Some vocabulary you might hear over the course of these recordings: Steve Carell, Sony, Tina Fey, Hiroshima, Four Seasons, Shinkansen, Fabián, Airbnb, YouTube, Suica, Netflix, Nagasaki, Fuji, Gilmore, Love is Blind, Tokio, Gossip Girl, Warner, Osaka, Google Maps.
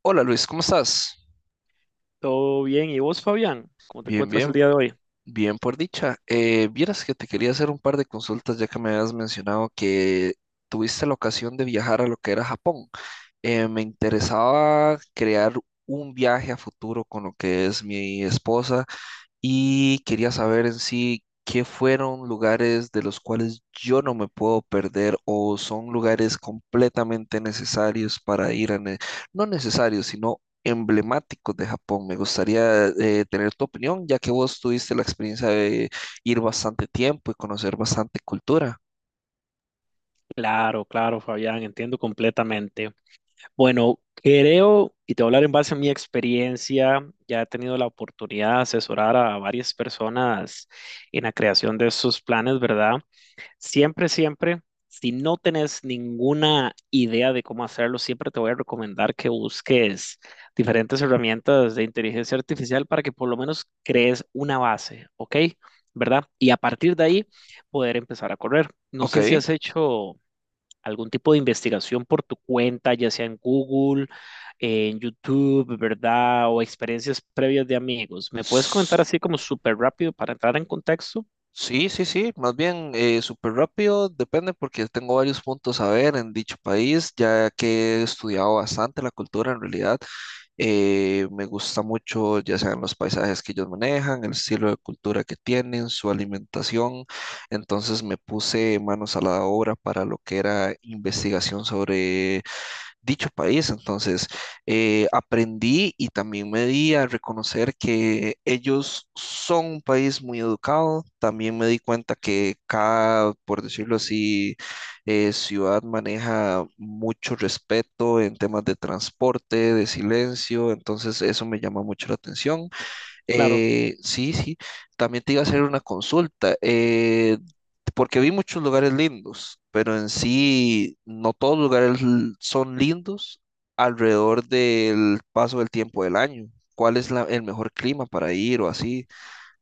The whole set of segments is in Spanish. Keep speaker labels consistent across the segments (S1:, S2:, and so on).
S1: Hola Luis, ¿cómo estás?
S2: Todo bien. ¿Y vos, Fabián? ¿Cómo te
S1: Bien,
S2: encuentras el
S1: bien,
S2: día de hoy?
S1: bien por dicha. Vieras que te quería hacer un par de consultas ya que me habías mencionado que tuviste la ocasión de viajar a lo que era Japón. Me interesaba crear un viaje a futuro con lo que es mi esposa y quería saber en sí qué fueron lugares de los cuales yo no me puedo perder o son lugares completamente necesarios para ir a. No necesarios, sino emblemáticos de Japón. Me gustaría tener tu opinión, ya que vos tuviste la experiencia de ir bastante tiempo y conocer bastante cultura.
S2: Claro, claro, Fabián, entiendo completamente. Bueno, creo, y te voy a hablar en base a mi experiencia, ya he tenido la oportunidad de asesorar a varias personas en la creación de sus planes, ¿verdad? Siempre, siempre, si no tenés ninguna idea de cómo hacerlo, siempre te voy a recomendar que busques diferentes herramientas de inteligencia artificial para que por lo menos crees una base, ¿ok? ¿Verdad? Y a partir de ahí poder empezar a correr. No
S1: Ok.
S2: sé si has hecho algún tipo de investigación por tu cuenta, ya sea en Google, en YouTube, ¿verdad? O experiencias previas de amigos. ¿Me puedes comentar así como súper rápido para entrar en contexto?
S1: Sí, sí, sí, más bien súper rápido, depende porque tengo varios puntos a ver en dicho país, ya que he estudiado bastante la cultura en realidad. Me gusta mucho, ya sean los paisajes que ellos manejan, el estilo de cultura que tienen, su alimentación. Entonces me puse manos a la obra para lo que era investigación sobre dicho país. Entonces, aprendí y también me di a reconocer que ellos son un país muy educado. También me di cuenta que cada, por decirlo así, ciudad maneja mucho respeto en temas de transporte, de silencio. Entonces, eso me llama mucho la atención.
S2: Claro,
S1: Sí, sí. También te iba a hacer una consulta. Porque vi muchos lugares lindos, pero en sí no todos los lugares son lindos alrededor del paso del tiempo del año. ¿Cuál es el mejor clima para ir o así?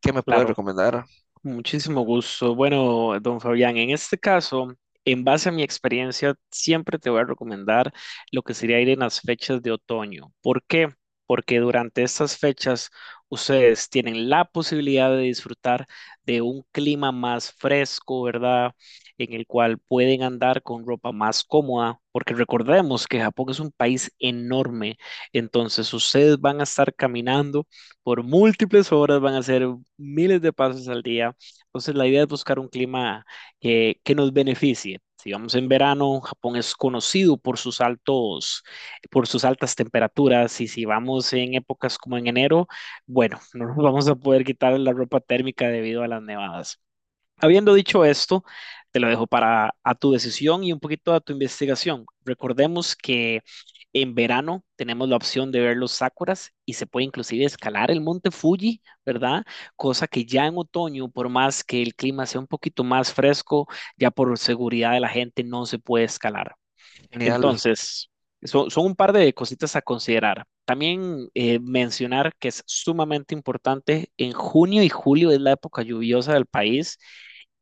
S1: ¿Qué me puedes
S2: claro.
S1: recomendar?
S2: Muchísimo gusto. Bueno, don Fabián, en este caso, en base a mi experiencia, siempre te voy a recomendar lo que sería ir en las fechas de otoño. ¿Por qué? Porque durante estas fechas ustedes tienen la posibilidad de disfrutar de un clima más fresco, ¿verdad? En el cual pueden andar con ropa más cómoda, porque recordemos que Japón es un país enorme, entonces ustedes van a estar caminando por múltiples horas, van a hacer miles de pasos al día. Entonces, la idea es buscar un clima que nos beneficie. Si vamos en verano, Japón es conocido por sus altos, por sus altas temperaturas, y si vamos en épocas como en enero, bueno, no nos vamos a poder quitar la ropa térmica debido a las nevadas. Habiendo dicho esto, te lo dejo para a tu decisión y un poquito a tu investigación. Recordemos que en verano tenemos la opción de ver los sakuras y se puede inclusive escalar el monte Fuji, ¿verdad? Cosa que ya en otoño, por más que el clima sea un poquito más fresco, ya por seguridad de la gente no se puede escalar.
S1: Genial.
S2: Entonces, son un par de cositas a considerar. También mencionar que es sumamente importante, en junio y julio es la época lluviosa del país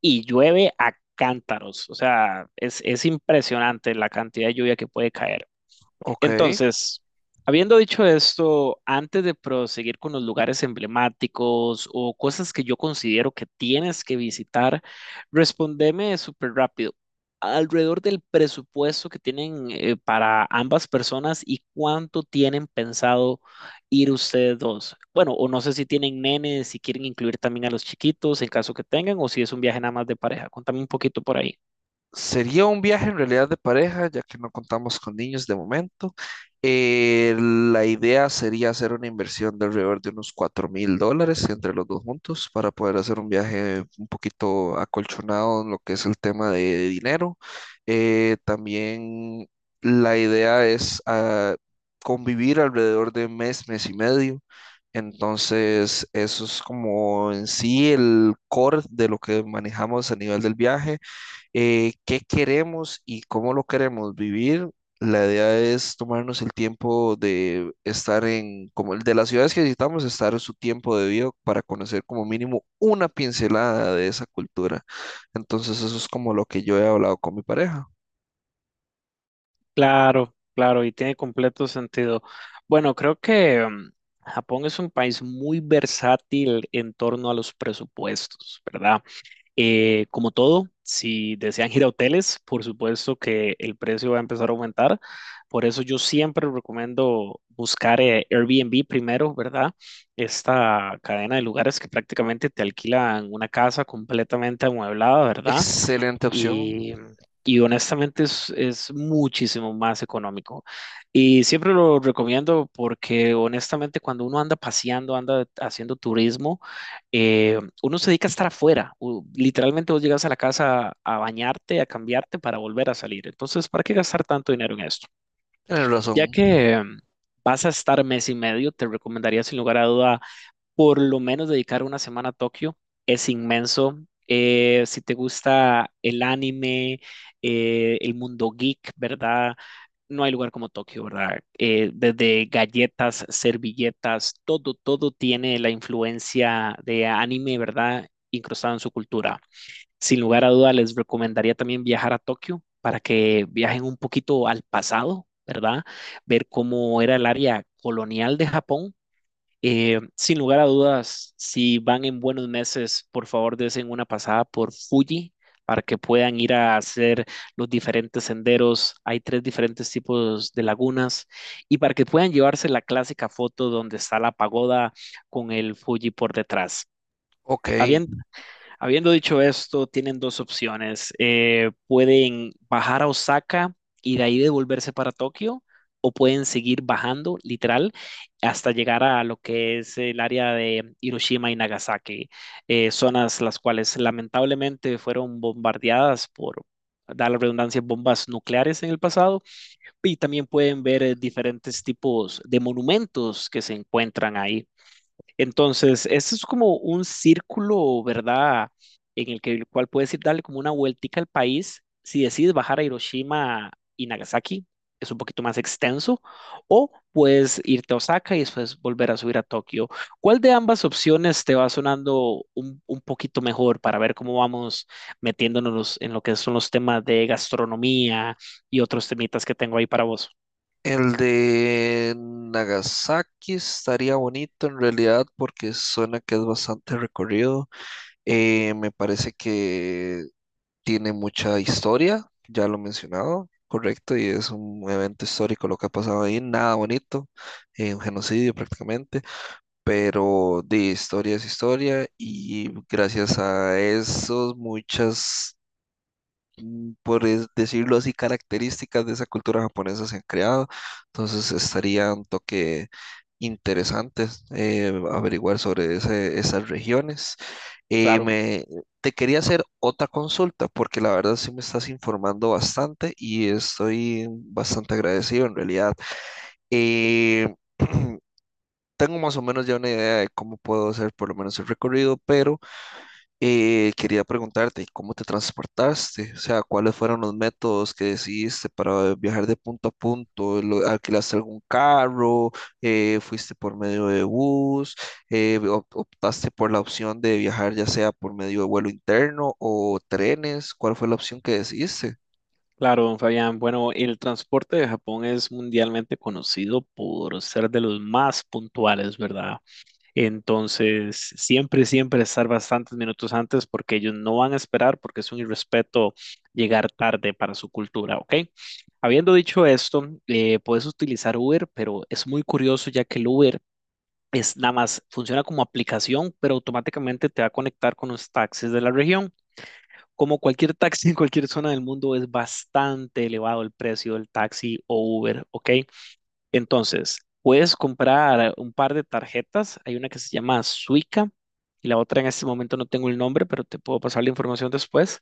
S2: y llueve a cántaros, o sea, es impresionante la cantidad de lluvia que puede caer.
S1: Ok.
S2: Entonces, habiendo dicho esto, antes de proseguir con los lugares emblemáticos o cosas que yo considero que tienes que visitar, respondeme súper rápido. Alrededor del presupuesto que tienen para ambas personas y cuánto tienen pensado ir ustedes dos. Bueno, o no sé si tienen nenes, si quieren incluir también a los chiquitos en caso que tengan, o si es un viaje nada más de pareja. Contame un poquito por ahí.
S1: Sería un viaje en realidad de pareja, ya que no contamos con niños de momento. La idea sería hacer una inversión de alrededor de unos $4,000 entre los dos juntos para poder hacer un viaje un poquito acolchonado en lo que es el tema de dinero. También la idea es convivir alrededor de mes, mes y medio. Entonces, eso es como en sí el core de lo que manejamos a nivel del viaje qué queremos y cómo lo queremos vivir. La idea es tomarnos el tiempo de estar en, como el de las ciudades que visitamos, estar en su tiempo debido para conocer como mínimo una pincelada de esa cultura. Entonces eso es como lo que yo he hablado con mi pareja.
S2: Claro, claro, y tiene completo sentido. Bueno, creo que Japón es un país muy versátil en torno a los presupuestos, ¿verdad? Como todo, si desean ir a hoteles, por supuesto que el precio va a empezar a aumentar. Por eso yo siempre recomiendo buscar Airbnb primero, ¿verdad? Esta cadena de lugares que prácticamente te alquilan una casa completamente amueblada, ¿verdad?
S1: Excelente opción.
S2: y, y honestamente es muchísimo más económico. Y siempre lo recomiendo porque honestamente cuando uno anda paseando, anda haciendo turismo, uno se dedica a estar afuera. Literalmente vos llegas a la casa a bañarte, a cambiarte para volver a salir. Entonces, ¿para qué gastar tanto dinero en esto?
S1: Tienes
S2: Ya
S1: razón.
S2: que... em, Vas a estar mes y medio, te recomendaría sin lugar a duda por lo menos dedicar una semana a Tokio. Es inmenso. Si te gusta el anime, el mundo geek, ¿verdad? No hay lugar como Tokio, ¿verdad? Desde galletas, servilletas, todo, todo tiene la influencia de anime, ¿verdad? Incrustada en su cultura. Sin lugar a duda, les recomendaría también viajar a Tokio para que viajen un poquito al pasado, ¿verdad? Ver cómo era el área colonial de Japón, sin lugar a dudas, si van en buenos meses, por favor desen una pasada por Fuji para que puedan ir a hacer los diferentes senderos. Hay tres diferentes tipos de lagunas y para que puedan llevarse la clásica foto donde está la pagoda con el Fuji por detrás.
S1: Ok,
S2: Habían- Habiendo dicho esto, tienen dos opciones. Pueden bajar a Osaka y de ahí devolverse para Tokio, o pueden seguir bajando, literal, hasta llegar a lo que es el área de Hiroshima y Nagasaki, zonas las cuales lamentablemente fueron bombardeadas por, da la redundancia, bombas nucleares en el pasado, y también pueden ver diferentes tipos de monumentos que se encuentran ahí. Entonces, ese es como un círculo, ¿verdad? En el que el cual puedes ir darle como una vueltica al país si decides bajar a Hiroshima y Nagasaki, es un poquito más extenso, o puedes irte a Osaka y después volver a subir a Tokio. ¿Cuál de ambas opciones te va sonando un poquito mejor para ver cómo vamos metiéndonos en lo que son los temas de gastronomía y otros temitas que tengo ahí para vos?
S1: el de Nagasaki estaría bonito en realidad porque suena que es bastante recorrido. Me parece que tiene mucha historia, ya lo he mencionado, correcto, y es un evento histórico lo que ha pasado ahí, nada bonito, un genocidio prácticamente, pero de historia es historia y gracias a eso muchas mm, decirlo así, características de esa cultura japonesa se han creado. Entonces estaría un toque interesante averiguar sobre esas regiones. Eh,
S2: Claro.
S1: me, Te quería hacer otra consulta porque la verdad sí me estás informando bastante y estoy bastante agradecido en realidad. Eh, Tengo más o menos ya una idea de cómo puedo hacer por lo menos el recorrido, pero quería preguntarte, ¿cómo te transportaste? O sea, ¿cuáles fueron los métodos que decidiste para viajar de punto a punto? ¿Alquilaste algún carro? ¿Fuiste por medio de bus? Eh, ¿optaste por la opción de viajar ya sea por medio de vuelo interno o trenes? ¿Cuál fue la opción que decidiste?
S2: Claro, don Fabián. Bueno, el transporte de Japón es mundialmente conocido por ser de los más puntuales, ¿verdad? Entonces, siempre, siempre estar bastantes minutos antes porque ellos no van a esperar porque es un irrespeto llegar tarde para su cultura, ¿ok? Habiendo dicho esto, puedes utilizar Uber, pero es muy curioso ya que el Uber es nada más, funciona como aplicación, pero automáticamente te va a conectar con los taxis de la región. Como cualquier taxi en cualquier zona del mundo, es bastante elevado el precio del taxi o Uber, ¿ok? Entonces, puedes comprar un par de tarjetas. Hay una que se llama Suica y la otra en este momento no tengo el nombre, pero te puedo pasar la información después,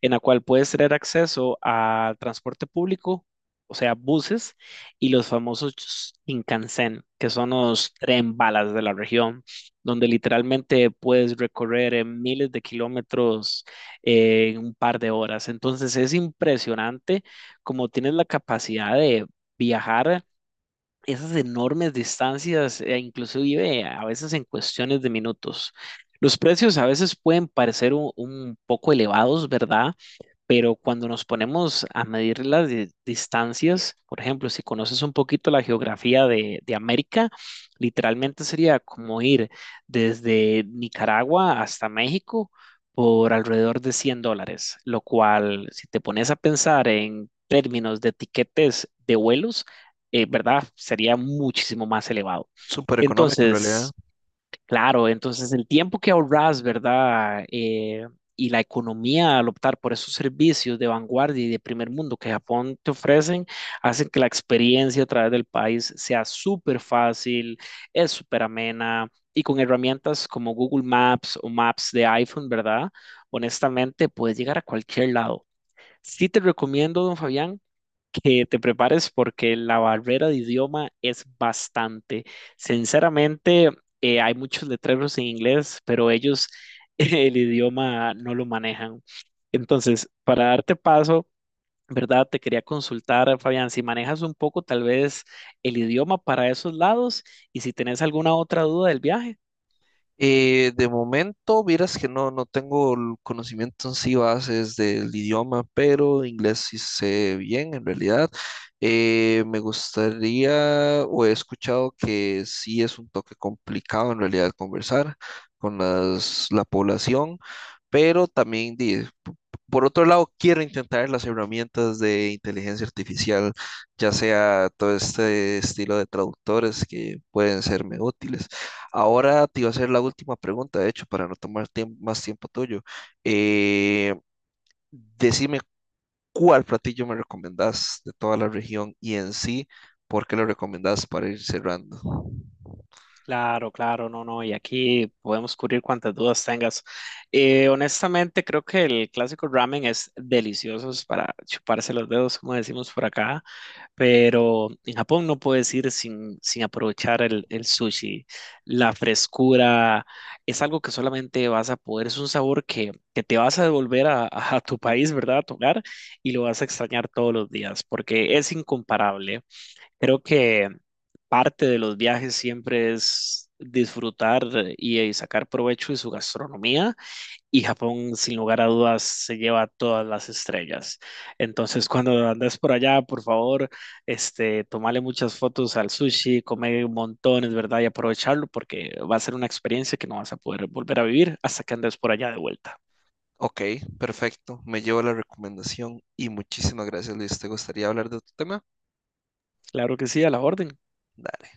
S2: en la cual puedes tener acceso al transporte público, o sea, buses y los famosos Shinkansen, que son los tren balas de la región, donde literalmente puedes recorrer miles de kilómetros en un par de horas. Entonces, es impresionante como tienes la capacidad de viajar esas enormes distancias, e inclusive a veces en cuestiones de minutos. Los precios a veces pueden parecer un poco elevados, ¿verdad? Pero cuando nos ponemos a medir las distancias, por ejemplo, si conoces un poquito la geografía de América, literalmente sería como ir desde Nicaragua hasta México por alrededor de $100, lo cual, si te pones a pensar en términos de tiquetes de vuelos, ¿verdad? Sería muchísimo más elevado.
S1: Súper económico en realidad.
S2: Entonces, claro, entonces el tiempo que ahorras, ¿verdad? Y la economía al optar por esos servicios de vanguardia y de primer mundo que Japón te ofrecen, hacen que la experiencia a través del país sea súper fácil, es súper amena y con herramientas como Google Maps o Maps de iPhone, ¿verdad? Honestamente, puedes llegar a cualquier lado. Sí te recomiendo, don Fabián, que te prepares porque la barrera de idioma es bastante. Sinceramente, hay muchos letreros en inglés, pero ellos el idioma no lo manejan. Entonces, para darte paso, ¿verdad? Te quería consultar, Fabián, si manejas un poco tal vez el idioma para esos lados y si tenés alguna otra duda del viaje.
S1: De momento, vieras que no, no tengo el conocimiento en sí bases del idioma, pero inglés sí sé bien en realidad. Me gustaría, o he escuchado que sí es un toque complicado en realidad conversar con la población, pero también, por otro lado, quiero intentar las herramientas de inteligencia artificial, ya sea todo este estilo de traductores que pueden serme útiles. Ahora te iba a hacer la última pregunta, de hecho, para no tomar más tiempo tuyo. Eh, Decime cuál platillo me recomendás de toda la región y en sí, por qué lo recomendás para ir cerrando.
S2: Claro, claro, no, no, y aquí podemos cubrir cuantas dudas tengas. Honestamente, creo que el clásico ramen es delicioso, es para chuparse los dedos, como decimos por acá, pero en Japón no puedes ir sin aprovechar el sushi. La frescura es algo que solamente vas a poder, es un sabor que te vas a devolver a tu país, ¿verdad? A tu hogar, y lo vas a extrañar todos los días, porque es incomparable. Creo que parte de los viajes siempre es disfrutar y sacar provecho de su gastronomía y Japón sin lugar a dudas se lleva todas las estrellas. Entonces cuando andas por allá, por favor, tomale muchas fotos al sushi, come montones, ¿verdad? Y aprovecharlo porque va a ser una experiencia que no vas a poder volver a vivir hasta que andes por allá de vuelta.
S1: Ok, perfecto. Me llevo la recomendación y muchísimas gracias, Luis. ¿Te gustaría hablar de tu tema?
S2: Claro que sí, a la orden.
S1: Dale.